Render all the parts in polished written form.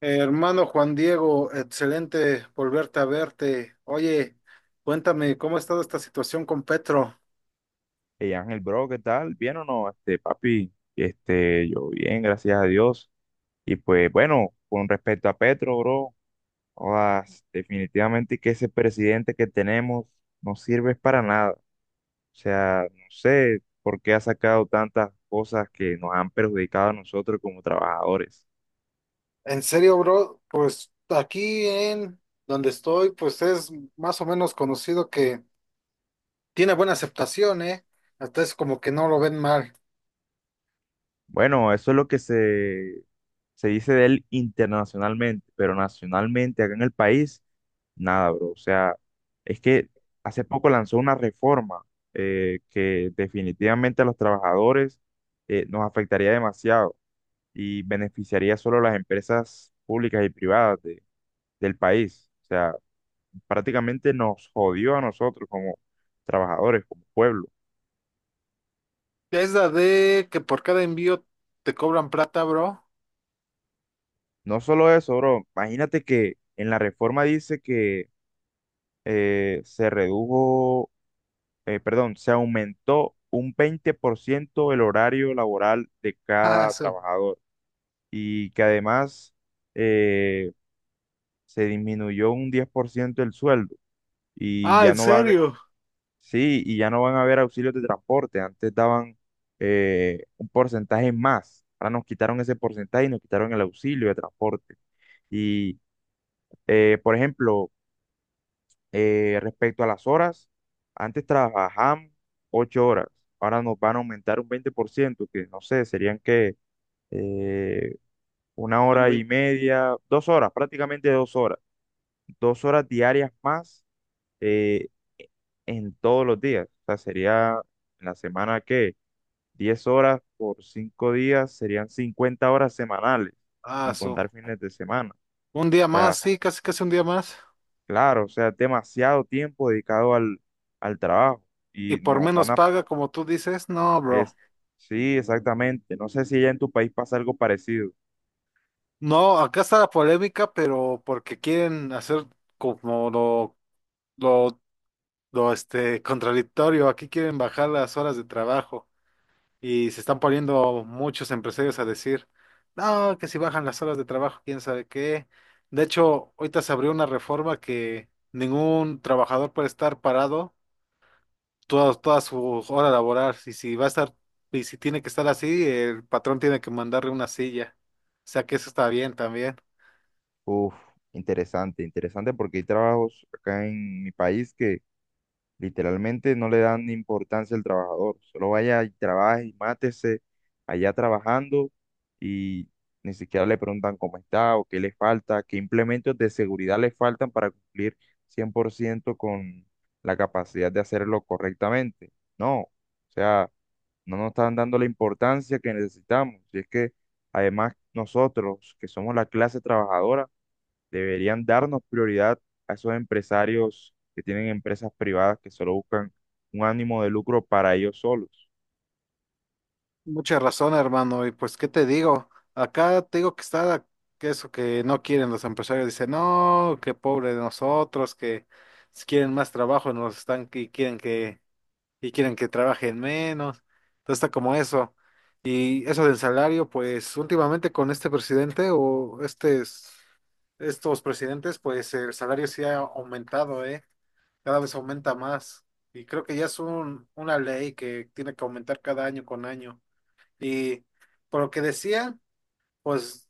Hermano Juan Diego, excelente volverte a verte. Oye, cuéntame, ¿cómo ha estado esta situación con Petro? Hey Ángel, bro, ¿qué tal? ¿Bien o no? Papi, yo bien, gracias a Dios. Y pues bueno, con respecto a Petro, bro, jodas, definitivamente que ese presidente que tenemos no sirve para nada. O sea, no sé por qué ha sacado tantas cosas que nos han perjudicado a nosotros como trabajadores. En serio, bro, pues aquí en donde estoy, pues es más o menos conocido que tiene buena aceptación, ¿eh? Hasta es como que no lo ven mal. Bueno, eso es lo que se dice de él internacionalmente, pero nacionalmente acá en el país. Nada, bro. O sea, es que hace poco lanzó una reforma que definitivamente a los trabajadores nos afectaría demasiado y beneficiaría solo a las empresas públicas y privadas del país. O sea, prácticamente nos jodió a nosotros como trabajadores, como pueblo. Es la de que por cada envío te cobran plata, bro. No solo eso, bro. Imagínate que en la reforma dice que se redujo, perdón, se aumentó un 20% el horario laboral de Ah, cada eso. trabajador y que además eh, se disminuyó un 10% el sueldo y Ah, ya ¿en no va a haber, serio? sí, y ya no van a haber auxilios de transporte. Antes daban un porcentaje más. Ahora nos quitaron ese porcentaje y nos quitaron el auxilio de transporte. Y, por ejemplo, respecto a las horas, antes trabajaban 8 horas, ahora nos van a aumentar un 20% que no sé, serían que eh, una El hora y güey. media, 2 horas, prácticamente 2 horas, 2 horas diarias más eh, en todos los días. O sea, sería en la semana que 10 horas por 5 días serían 50 horas semanales, Ah, sin eso. contar fines de semana. Un día O más, sea, sí, casi casi un día más. claro, o sea, es demasiado tiempo dedicado al trabajo Y y por nos menos van a paga, como tú dices, no, bro. Es, sí, exactamente. No sé si ya en tu país pasa algo parecido. No, acá está la polémica, pero porque quieren hacer como lo, lo contradictorio. Aquí quieren bajar las horas de trabajo y se están poniendo muchos empresarios a decir, no, que si bajan las horas de trabajo, quién sabe qué. De hecho, ahorita se abrió una reforma que ningún trabajador puede estar parado toda su hora laboral. Y si tiene que estar así, el patrón tiene que mandarle una silla. O sea que eso está bien también. Uf, interesante, interesante porque hay trabajos acá en mi país que literalmente no le dan importancia al trabajador. Solo vaya y trabaje y mátese allá trabajando y ni siquiera le preguntan cómo está o qué le falta, qué implementos de seguridad le faltan para cumplir 100% con la capacidad de hacerlo correctamente. No, o sea, no nos están dando la importancia que necesitamos. Y es que además nosotros, que somos la clase trabajadora, deberían darnos prioridad a esos empresarios que tienen empresas privadas que solo buscan un ánimo de lucro para ellos solos. Mucha razón, hermano. Y pues, ¿qué te digo? Acá te digo que está que eso que no quieren los empresarios. Dicen, no, qué pobre de nosotros, que si quieren más trabajo nos están y quieren que trabajen menos. Entonces está como eso. Y eso del salario, pues últimamente con este presidente o estos presidentes, pues el salario sí ha aumentado, ¿eh? Cada vez aumenta más. Y creo que ya es una ley que tiene que aumentar cada año con año. Y por lo que decía, pues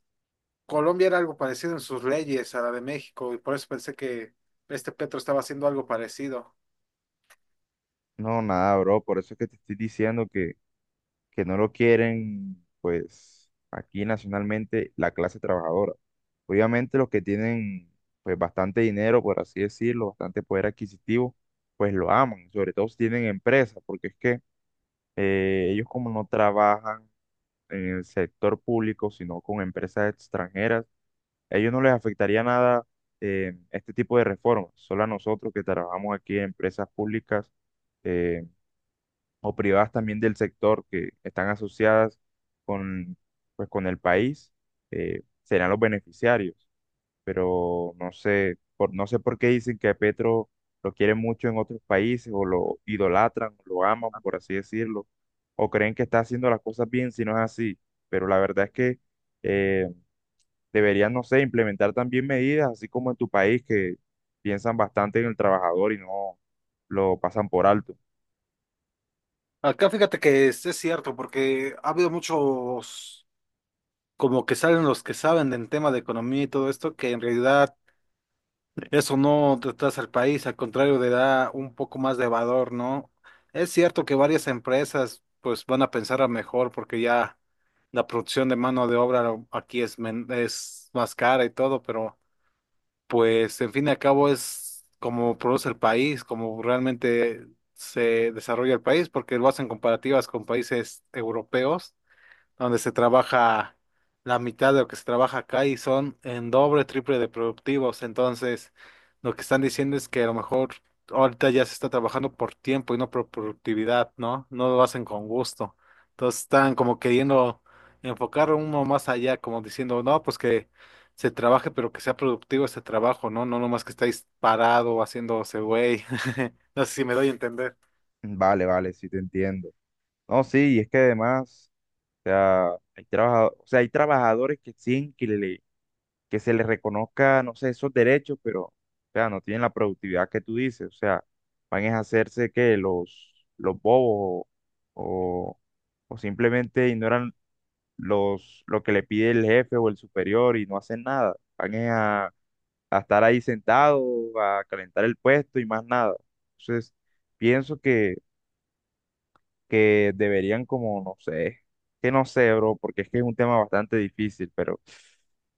Colombia era algo parecido en sus leyes a la de México, y por eso pensé que este Petro estaba haciendo algo parecido. No, nada, bro. Por eso es que te estoy diciendo que no lo quieren, pues, aquí nacionalmente la clase trabajadora. Obviamente los que tienen, pues, bastante dinero, por así decirlo, bastante poder adquisitivo, pues lo aman, sobre todo si tienen empresas, porque es que ellos como no trabajan en el sector público, sino con empresas extranjeras, a ellos no les afectaría nada este tipo de reformas, solo a nosotros que trabajamos aquí en empresas públicas eh, o privadas también del sector que están asociadas con, pues, con el país, serán los beneficiarios. Pero no sé, no sé por qué dicen que a Petro lo quieren mucho en otros países o lo idolatran, lo aman, por así decirlo, o creen que está haciendo las cosas bien si no es así. Pero la verdad es que eh, deberían, no sé, implementar también medidas, así como en tu país, que piensan bastante en el trabajador y no lo pasan por alto. Acá fíjate que es cierto, porque ha habido muchos, como que salen los que saben del tema de economía y todo esto, que en realidad eso no retrasa al país, al contrario, le da un poco más de valor, ¿no? Es cierto que varias empresas pues van a pensar a mejor porque ya la producción de mano de obra aquí es más cara y todo, pero pues en fin y al cabo es como produce el país, como realmente se desarrolla el país, porque lo hacen comparativas con países europeos donde se trabaja la mitad de lo que se trabaja acá y son en doble, triple de productivos. Entonces, lo que están diciendo es que a lo mejor ahorita ya se está trabajando por tiempo y no por productividad, ¿no? No lo hacen con gusto. Entonces, están como queriendo enfocar uno más allá, como diciendo, no, pues que se trabaje, pero que sea productivo ese trabajo, ¿no? No nomás que estáis parado haciéndose güey. No sé si me doy a entender. Vale, vale, sí te entiendo. No, sí, y es que además, o sea, o sea, hay trabajadores que exigen que se les reconozca, no sé, esos derechos, pero, o sea, no tienen la productividad que tú dices, o sea, van a hacerse que los bobos o, o o simplemente ignoran lo que le pide el jefe o el superior y no hacen nada. Van es a estar ahí sentados, a calentar el puesto y más nada. Entonces, pienso que deberían como, no sé, que no sé, bro, porque es que es un tema bastante difícil, pero,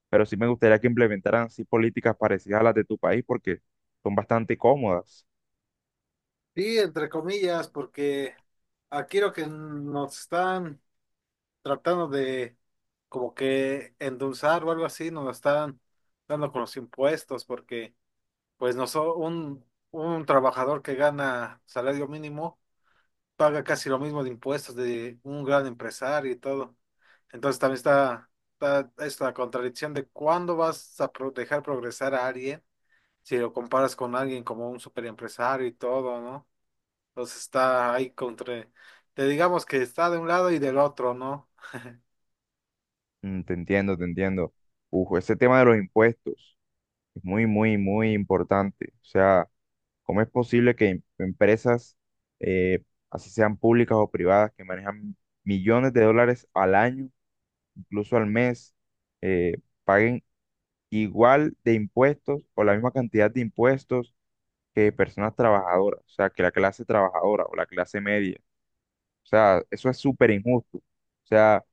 sí me gustaría que implementaran así políticas parecidas a las de tu país porque son bastante cómodas. Sí, entre comillas, porque aquí lo que nos están tratando de como que endulzar o algo así, nos lo están dando con los impuestos, porque pues no so- un trabajador que gana salario mínimo paga casi lo mismo de impuestos de un gran empresario y todo. Entonces también está esta contradicción de cuándo vas a dejar progresar a alguien si lo comparas con alguien como un superempresario y todo, ¿no? Entonces está ahí te digamos que está de un lado y del otro, ¿no? Mm, te entiendo, te entiendo. Uf, ese tema de los impuestos es muy, muy, muy importante. O sea, ¿cómo es posible que empresas, eh, así sean públicas o privadas, que manejan millones de dólares al año, incluso al mes, eh, paguen igual de impuestos o la misma cantidad de impuestos que personas trabajadoras? O sea, que la clase trabajadora o la clase media. O sea, eso es súper injusto. O sea,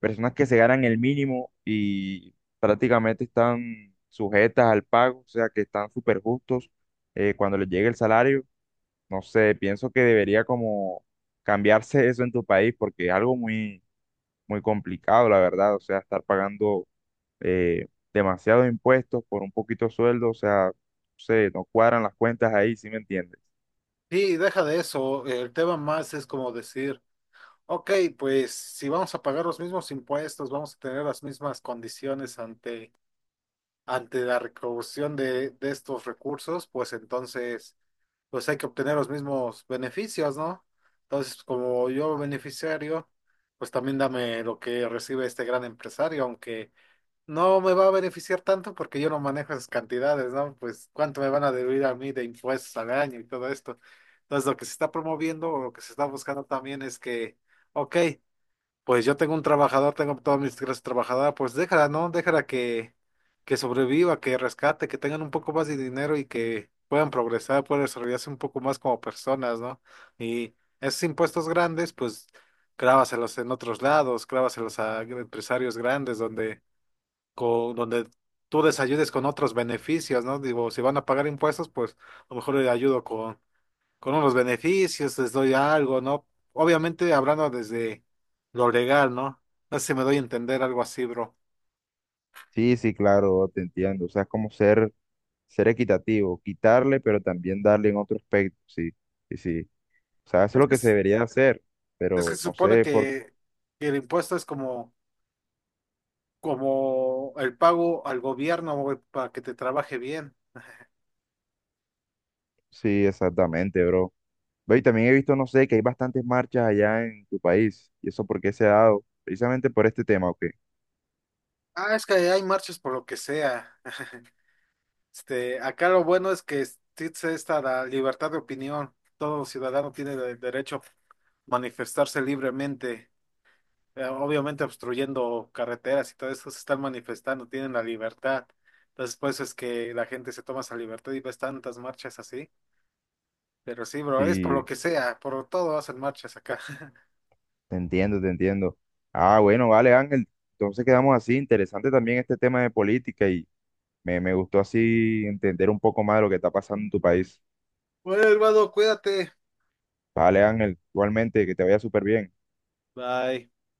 personas que se ganan el mínimo y prácticamente están sujetas al pago, o sea, que están súper justos cuando les llegue el salario. No sé, pienso que debería como cambiarse eso en tu país porque es algo muy, muy complicado, la verdad. O sea, estar pagando eh, demasiados impuestos por un poquito sueldo, o sea, no sé, no cuadran las cuentas ahí, ¿sí me entiendes? Sí, deja de eso. El tema más es como decir, ok, pues si vamos a pagar los mismos impuestos, vamos a tener las mismas condiciones ante la recaudación de estos recursos, pues entonces, pues hay que obtener los mismos beneficios, ¿no? Entonces, como yo beneficiario, pues también dame lo que recibe este gran empresario, aunque no me va a beneficiar tanto porque yo no manejo esas cantidades, ¿no? Pues cuánto me van a deber a mí de impuestos al año y todo esto. Entonces, lo que se está promoviendo o lo que se está buscando también es que, ok, pues yo tengo un trabajador, tengo todas mis clases trabajadoras, pues déjala, ¿no? Déjala que sobreviva, que rescate, que tengan un poco más de dinero y que puedan progresar, puedan desarrollarse un poco más como personas, ¿no? Y esos impuestos grandes, pues clávaselos en otros lados, clávaselos a empresarios grandes donde tú les ayudes con otros beneficios, ¿no? Digo, si van a pagar impuestos, pues a lo mejor les ayudo con unos beneficios, les doy algo, ¿no? Obviamente hablando desde lo legal, ¿no? No sé si me doy a entender algo así, bro. Sí, sí, claro, te entiendo. O sea, es como ser equitativo, quitarle, pero también darle en otro aspecto. Sí, sí, sí. O sea, eso es Es lo que, que se es debería hacer, es que pero se no supone sé por qué. Que el impuesto es como, como el pago al gobierno, güey, para que te trabaje bien. Sí, exactamente, bro. Ve, y también he visto, no sé, que hay bastantes marchas allá en tu país. ¿Y eso por qué se ha dado? Precisamente por este tema, ¿o qué? Ah, es que hay marchas por lo que sea. Este, acá lo bueno es que existe esta la libertad de opinión. Todo ciudadano tiene el derecho a manifestarse libremente. Obviamente obstruyendo carreteras y todo eso se están manifestando, tienen la libertad. Entonces, por eso es que la gente se toma esa libertad y ves tantas marchas así. Pero sí, bro, es por Sí, lo que sea, por todo hacen marchas acá. te entiendo, te entiendo. Ah, bueno, vale, Ángel. Entonces quedamos así. Interesante también este tema de política y me gustó así entender un poco más de lo que está pasando en tu país. Bueno, hermano, cuídate. Vale, Ángel. Igualmente, que te vaya súper bien. Bye.